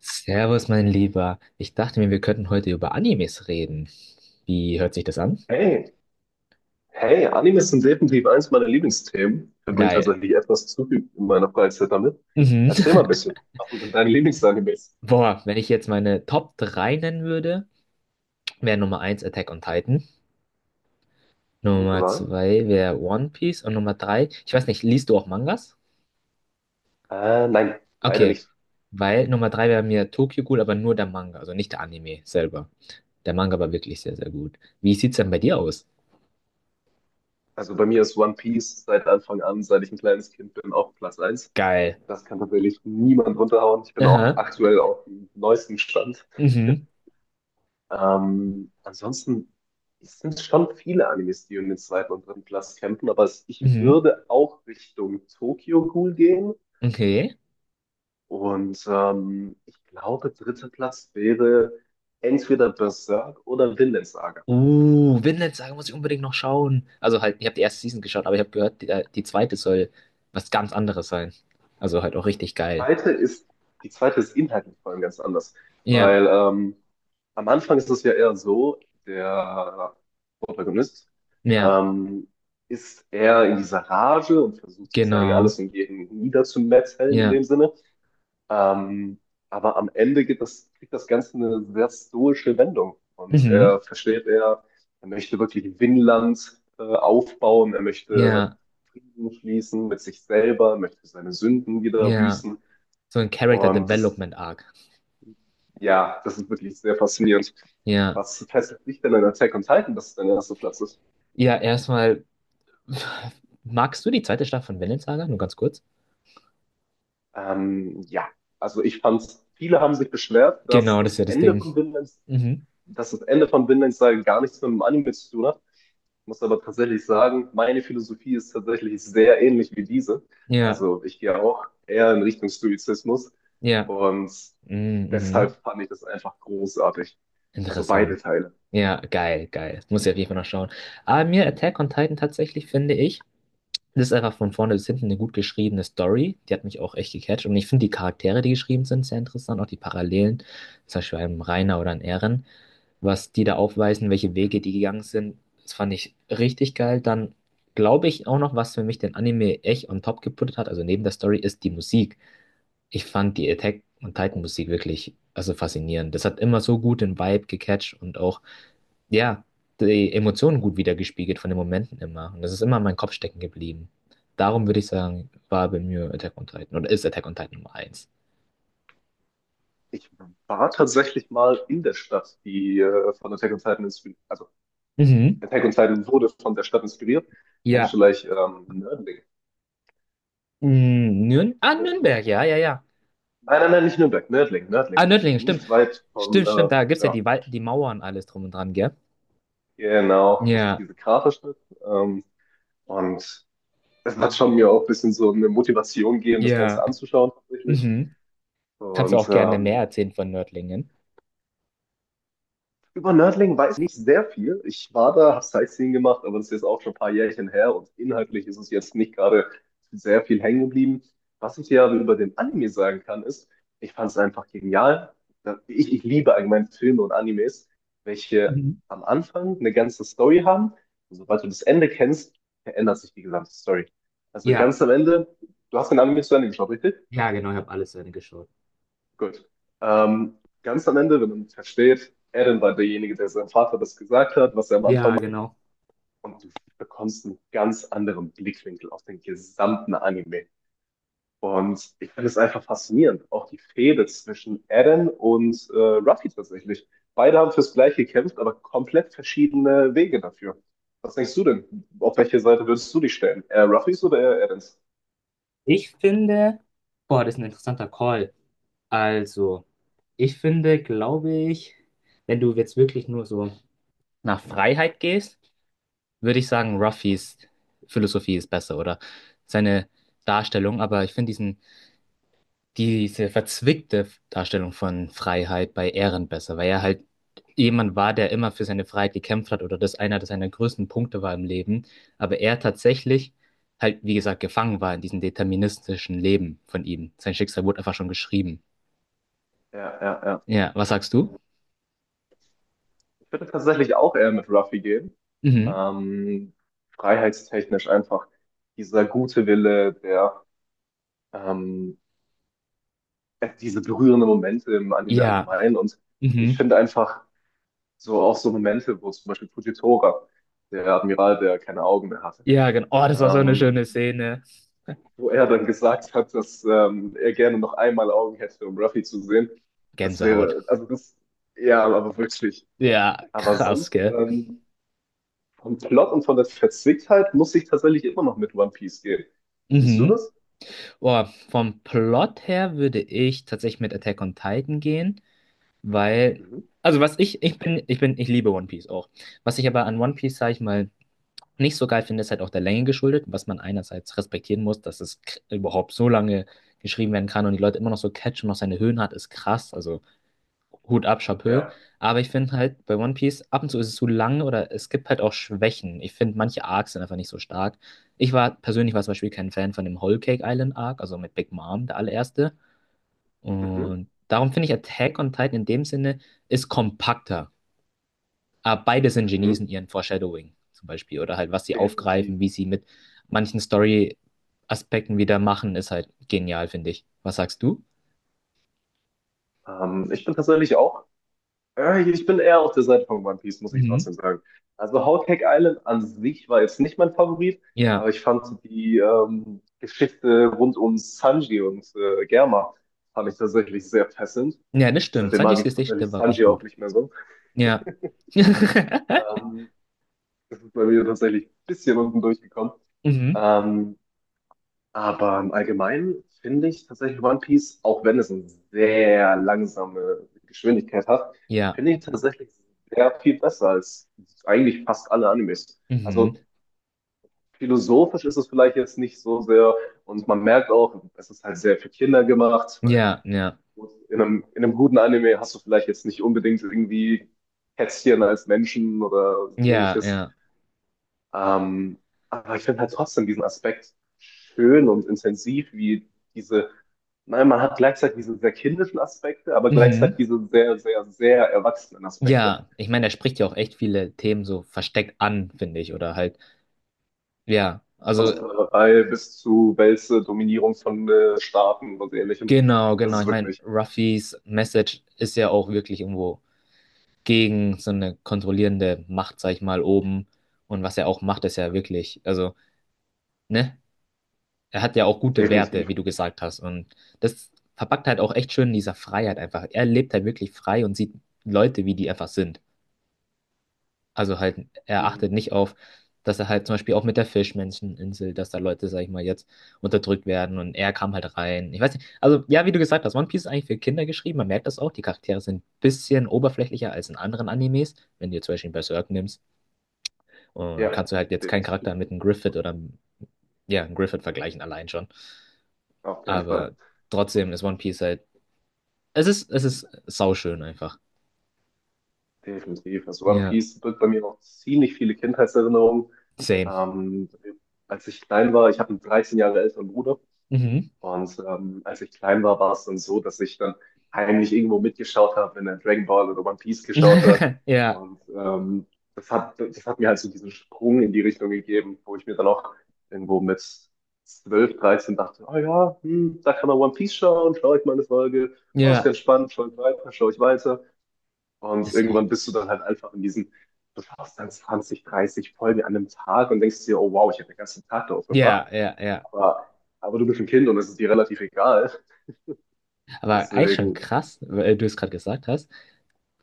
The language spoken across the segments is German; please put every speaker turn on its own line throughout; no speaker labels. Servus, mein Lieber. Ich dachte mir, wir könnten heute über Animes reden. Wie hört sich das an?
Hey, hey, Animes sind definitiv eines meiner Lieblingsthemen. Ich verbringe
Geil.
tatsächlich etwas zu viel in meiner Freizeit damit.
Mhm.
Erzähl mal ein bisschen. Was sind denn deine Lieblingsanimes?
Boah, wenn ich jetzt meine Top 3 nennen würde, wäre Nummer eins Attack on Titan,
Gute
Nummer
Wahl?
2 wäre One Piece und Nummer 3, ich weiß nicht, liest du auch Mangas?
Nein, leider
Okay,
nicht.
weil Nummer 3 wäre mir Tokyo Ghoul, aber nur der Manga, also nicht der Anime selber. Der Manga war wirklich sehr, sehr gut. Wie sieht's denn bei dir aus?
Also bei mir ist One Piece seit Anfang an, seit ich ein kleines Kind bin, auch Platz eins.
Geil.
Das kann tatsächlich niemand runterhauen. Ich bin auch
Aha.
aktuell auf dem neuesten Stand.
Mhm.
Ansonsten es sind schon viele Animes, die in den zweiten und dritten Platz kämpfen, aber ich
Mhm.
würde auch Richtung Tokyo Ghoul gehen.
Okay.
Und ich glaube, dritter Platz wäre entweder Berserk oder Vinland Saga.
Vinland Saga muss ich unbedingt noch schauen. Also halt, ich habe die erste Season geschaut, aber ich habe gehört, die zweite soll was ganz anderes sein. Also halt auch richtig geil.
Zweite ist, Die zweite ist inhaltlich vor allem ganz anders,
Ja,
weil am Anfang ist es ja eher so, der Protagonist
ja,
ähm, ist eher in dieser Rage und versucht sozusagen
genau.
alles und jeden niederzumetzeln in dem
Ja,
Sinne. Ähm, aber am Ende geht das, kriegt das Ganze eine sehr stoische Wendung. Und
mhm.
er versteht, er möchte wirklich Vinland aufbauen, er möchte
Ja,
Frieden schließen mit sich selber, möchte seine Sünden wieder
ja.
büßen.
So ein Character
Und das,
Development Arc.
ja, das ist wirklich sehr faszinierend.
Ja.
Was fesselt dich denn an Attack on Titan, dass es dein erster Platz ist?
Ja, erstmal, magst du die zweite Staffel von Vinland Saga? Nur ganz kurz.
Ja, also viele haben sich beschwert,
Genau, das ist ja das Ding. Mhm.
Dass das Ende von Vinland Saga gar nichts mit dem Anime zu tun hat. Muss aber tatsächlich sagen, meine Philosophie ist tatsächlich sehr ähnlich wie diese.
Ja,
Also ich gehe auch eher in Richtung Stoizismus
ja.
und
Mhm,
deshalb
mhm.
fand ich das einfach großartig. Also beide
Interessant.
Teile.
Ja, geil, geil. Das muss ich auf jeden Fall noch schauen. Aber mir Attack on Titan tatsächlich finde ich, das ist einfach von vorne bis hinten eine gut geschriebene Story. Die hat mich auch echt gecatcht. Und ich finde die Charaktere, die geschrieben sind, sehr interessant. Auch die Parallelen, zum Beispiel einem Reiner oder einem Eren, was die da aufweisen, welche
Mhm.
Wege die gegangen sind. Das fand ich richtig geil. Dann glaube ich auch noch, was für mich den Anime echt on top geputtet hat, also neben der Story, ist die Musik. Ich fand die Attack on
Mhm.
Titan Musik wirklich, also faszinierend. Das hat immer so gut den Vibe gecatcht und auch ja, die Emotionen gut wiedergespiegelt von den Momenten immer. Und das ist immer in meinem Kopf stecken geblieben. Darum würde ich sagen, war bei mir Attack on Titan oder ist Attack on Titan Nummer eins.
Ich war tatsächlich mal in der Stadt, die von Attack on Titan inspiriert, also
Mhm.
Attack on Titan wurde von der Stadt inspiriert. Kennst du
Ja.
vielleicht Nördling? Nö-
Nürnberg, ja, ja, ja.
Nein, nein, nein, nicht Nürnberg, Nördling,
Ah,
Nördling.
Nördlingen, stimmt.
Nicht weit von,
Stimmt, stimmt, da gibt es ja
ja,
die, die Mauern und alles drum und dran, gell?
genau, das ist
Ja,
diese Kraterstadt. Ähm, Und es hat schon mir auch ein bisschen so eine Motivation gegeben, das Ganze
ja.
anzuschauen tatsächlich.
Mhm. Kannst du
Und
auch gerne mehr
ähm,
erzählen von Nördlingen?
Über Nördlingen weiß ich nicht sehr viel. Ich war da, habe Sightseeing gemacht, aber das ist jetzt auch schon ein paar Jährchen her und inhaltlich ist es jetzt nicht gerade sehr viel hängen geblieben. Was ich dir aber über den Anime sagen kann, ist, ich fand es einfach genial. Ich, ich liebe allgemein Filme und Animes, welche
Mhm.
am Anfang eine ganze Story haben. Und sobald du das Ende kennst, verändert sich die gesamte Story. Also
Ja,
ganz am Ende, du hast den Anime zu Ende geschaut, richtig?
ja, genau, ich habe alles zu Ende geschaut.
Gut. Ähm, Ganz am Ende, wenn man es versteht, Eren war derjenige, der seinem Vater das gesagt hat, was er am Anfang
Ja,
macht.
genau.
Und du bekommst einen ganz anderen Blickwinkel auf den gesamten Anime. Und ich finde es einfach faszinierend. Auch die Fehde zwischen Eren und Ruffy tatsächlich. Beide haben fürs Gleiche gekämpft, aber komplett verschiedene Wege dafür. Was denkst du denn? Auf welche Seite würdest du dich stellen? Eher Ruffys oder eher Erens?
Ich finde, boah, das ist ein interessanter Call. Also, ich finde, glaube ich, wenn du jetzt wirklich nur so nach Freiheit gehst, würde ich sagen, Ruffys Philosophie ist besser oder seine Darstellung. Aber ich finde diese verzwickte Darstellung von Freiheit bei Ehren besser, weil er halt jemand war, der immer für seine Freiheit gekämpft hat oder das einer das seiner größten Punkte war im Leben, aber er tatsächlich halt, wie gesagt, gefangen war in diesem deterministischen Leben von ihm. Sein Schicksal wurde einfach schon geschrieben.
Ja, ja, ja.
Ja, was sagst du?
Ich würde tatsächlich auch eher mit Ruffy gehen.
Mhm.
Ähm, Freiheitstechnisch einfach dieser gute Wille, der ähm, diese berührenden Momente im Anime
Ja,
allgemein. Und ich
mhm.
finde einfach so auch so Momente, wo zum Beispiel Fujitora, der Admiral, der keine Augen mehr hatte,
Ja, genau. Oh, das war so eine
ähm,
schöne Szene.
wo er dann gesagt hat, dass er gerne noch einmal Augen hätte, um Ruffy zu sehen. Das
Gänsehaut.
wäre, also das, Ja, aber wirklich.
Ja,
Aber
krass,
sonst
gell?
vom Plot und von der Verzwicktheit muss ich tatsächlich immer noch mit One Piece gehen. Wie siehst du
Mhm.
das?
Oh, vom Plot her würde ich tatsächlich mit Attack on Titan gehen. Weil,
Mhm.
also was ich liebe One Piece auch. Was ich aber an One Piece, sag ich mal, nicht so geil finde, ist halt auch der Länge geschuldet, was man einerseits respektieren muss, dass es überhaupt so lange geschrieben werden kann und die Leute immer noch so catchen und noch seine Höhen hat, ist krass. Also Hut ab, Chapeau.
Ja.
Aber ich finde halt bei One Piece, ab und zu ist es zu lang oder es gibt halt auch Schwächen. Ich finde, manche Arcs sind einfach nicht so stark. Ich war persönlich war zum Beispiel kein Fan von dem Whole Cake Island Arc, also mit Big Mom, der allererste.
Mhm.
Und darum finde ich Attack on Titan in dem Sinne ist kompakter. Aber beide sind Genies
Mhm.
in ihren Foreshadowing zum Beispiel. Oder halt, was sie
Definitiv.
aufgreifen, wie sie mit manchen Story-Aspekten wieder machen, ist halt genial, finde ich. Was sagst du?
Ich bin tatsächlich ich bin eher auf der Seite von One Piece, muss ich
Mhm.
trotzdem sagen. Also Whole Cake Island an sich war jetzt nicht mein Favorit, aber
Ja,
ich fand die Geschichte rund um Sanji und Germa fand ich tatsächlich sehr fesselnd.
ja, das stimmt.
Seitdem mag
Sanjis
ich
Gesicht,
tatsächlich
der war echt
Sanji auch
gut.
nicht mehr so.
Ja.
Ähm, Das ist bei mir tatsächlich ein bisschen unten durchgekommen.
Mhm.
Ähm, Aber im Allgemeinen finde ich tatsächlich One Piece, auch wenn es eine sehr langsame Geschwindigkeit hat,
Ja.
finde ich tatsächlich sehr viel besser als eigentlich fast alle Animes.
Mhm.
Also philosophisch ist es vielleicht jetzt nicht so sehr und man merkt auch, es ist halt sehr für Kinder gemacht, weil
Ja, ja.
gut, in einem guten Anime hast du vielleicht jetzt nicht unbedingt irgendwie Kätzchen als Menschen oder
Ja,
ähnliches.
ja.
Ähm, aber ich finde halt trotzdem diesen Aspekt schön und intensiv, wie diese, nein, man hat gleichzeitig diese sehr kindischen Aspekte, aber gleichzeitig
Mhm.
diese sehr, sehr, sehr erwachsenen Aspekte.
Ja, ich meine, er spricht ja auch echt viele Themen so versteckt an, finde ich. Oder halt, ja.
Von
Also
Sklaverei bis zu Wälze, Dominierung von Staaten und ähnlichem.
genau,
Das
genau.
ist
Ich meine,
wirklich
Ruffys Message ist ja auch wirklich irgendwo gegen so eine kontrollierende Macht, sag ich mal, oben. Und was er auch macht, ist ja wirklich, also, ne? Er hat ja auch gute Werte,
definitiv.
wie du gesagt hast. Und das verpackt halt auch echt schön in dieser Freiheit einfach. Er lebt halt wirklich frei und sieht Leute, wie die einfach sind. Also halt, er achtet
Mhm.
nicht auf, dass er halt zum Beispiel auch mit der Fischmenscheninsel, dass da Leute, sag ich mal, jetzt unterdrückt werden und er kam halt rein. Ich weiß nicht, also ja, wie du gesagt hast, One Piece ist eigentlich für Kinder geschrieben, man merkt das auch, die Charaktere sind ein bisschen oberflächlicher als in anderen Animes, wenn du jetzt zum Beispiel Berserk nimmst und
Ja,
kannst du halt jetzt keinen
definitiv.
Charakter mit einem Griffith oder ja, einem Griffith vergleichen allein schon,
Auf keinen Fall.
aber trotzdem ist One Piece halt, es ist sauschön einfach.
Definitiv. Also One
Ja,
Piece birgt bei mir noch ziemlich viele Kindheitserinnerungen.
same.
Ähm, Als ich klein war, ich habe einen 13 Jahre älteren Bruder.
Mhm.
Und als ich klein war, war es dann so, dass ich dann heimlich irgendwo mitgeschaut habe, wenn er Dragon Ball oder One Piece geschaut hat.
Ja,
Und das hat mir halt so diesen Sprung in die Richtung gegeben, wo ich mir dann auch irgendwo mit 12, 13 dachte, oh ja, hm, da kann man One Piece schauen, schaue ich mal eine Folge. Oh, ist
ja,
ganz spannend, schaue ich weiter, schaue ich weiter. Und
das ist auch,
irgendwann bist du dann halt einfach in diesen, du schaust dann 20, 30 Folgen an einem Tag und denkst dir, oh wow, ich habe den ganzen Tag darauf verbracht.
ja, ja, ja.
Aber, aber du bist ein Kind und es ist dir relativ egal.
Aber eigentlich schon
Deswegen,
krass, weil du es gerade gesagt hast.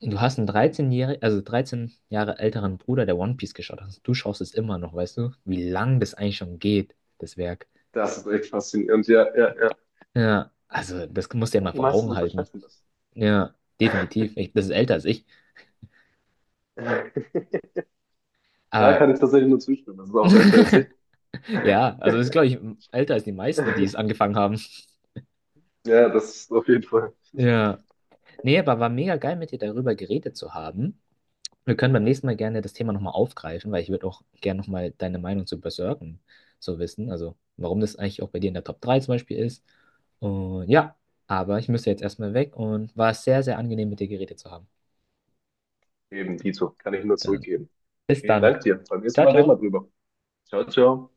Du hast einen 13-jährigen also 13 Jahre älteren Bruder, der One Piece geschaut hat. Also Du schaust es immer noch, weißt du, wie lang das eigentlich schon geht, das Werk.
Das ist echt faszinierend. Ja, ja, ja.
Ja, also das musst du ja mal
Die
vor
meisten
Augen halten.
unterschätzen das.
Ja, definitiv. Ich, das ist älter als ich.
Da
Aber
kann ich tatsächlich nur zustimmen. Das ist auch älter als ich.
ja, also das ist, glaube ich, älter als die meisten, die es angefangen haben.
Ja, das ist auf jeden Fall
Ja. Nee, aber war mega geil, mit dir darüber geredet zu haben. Wir können beim nächsten Mal gerne das Thema nochmal aufgreifen, weil ich würde auch gerne nochmal deine Meinung zu Berserken so wissen. Also warum das eigentlich auch bei dir in der Top 3 zum Beispiel ist. Und ja, aber ich müsste jetzt erstmal weg und war sehr, sehr angenehm mit dir geredet zu haben.
eben Dito. Kann ich nur
Dann
zurückgeben.
bis
Vielen
dann.
Dank dir. Beim nächsten
Ciao,
Mal reden wir
ciao.
drüber. Ciao, ciao.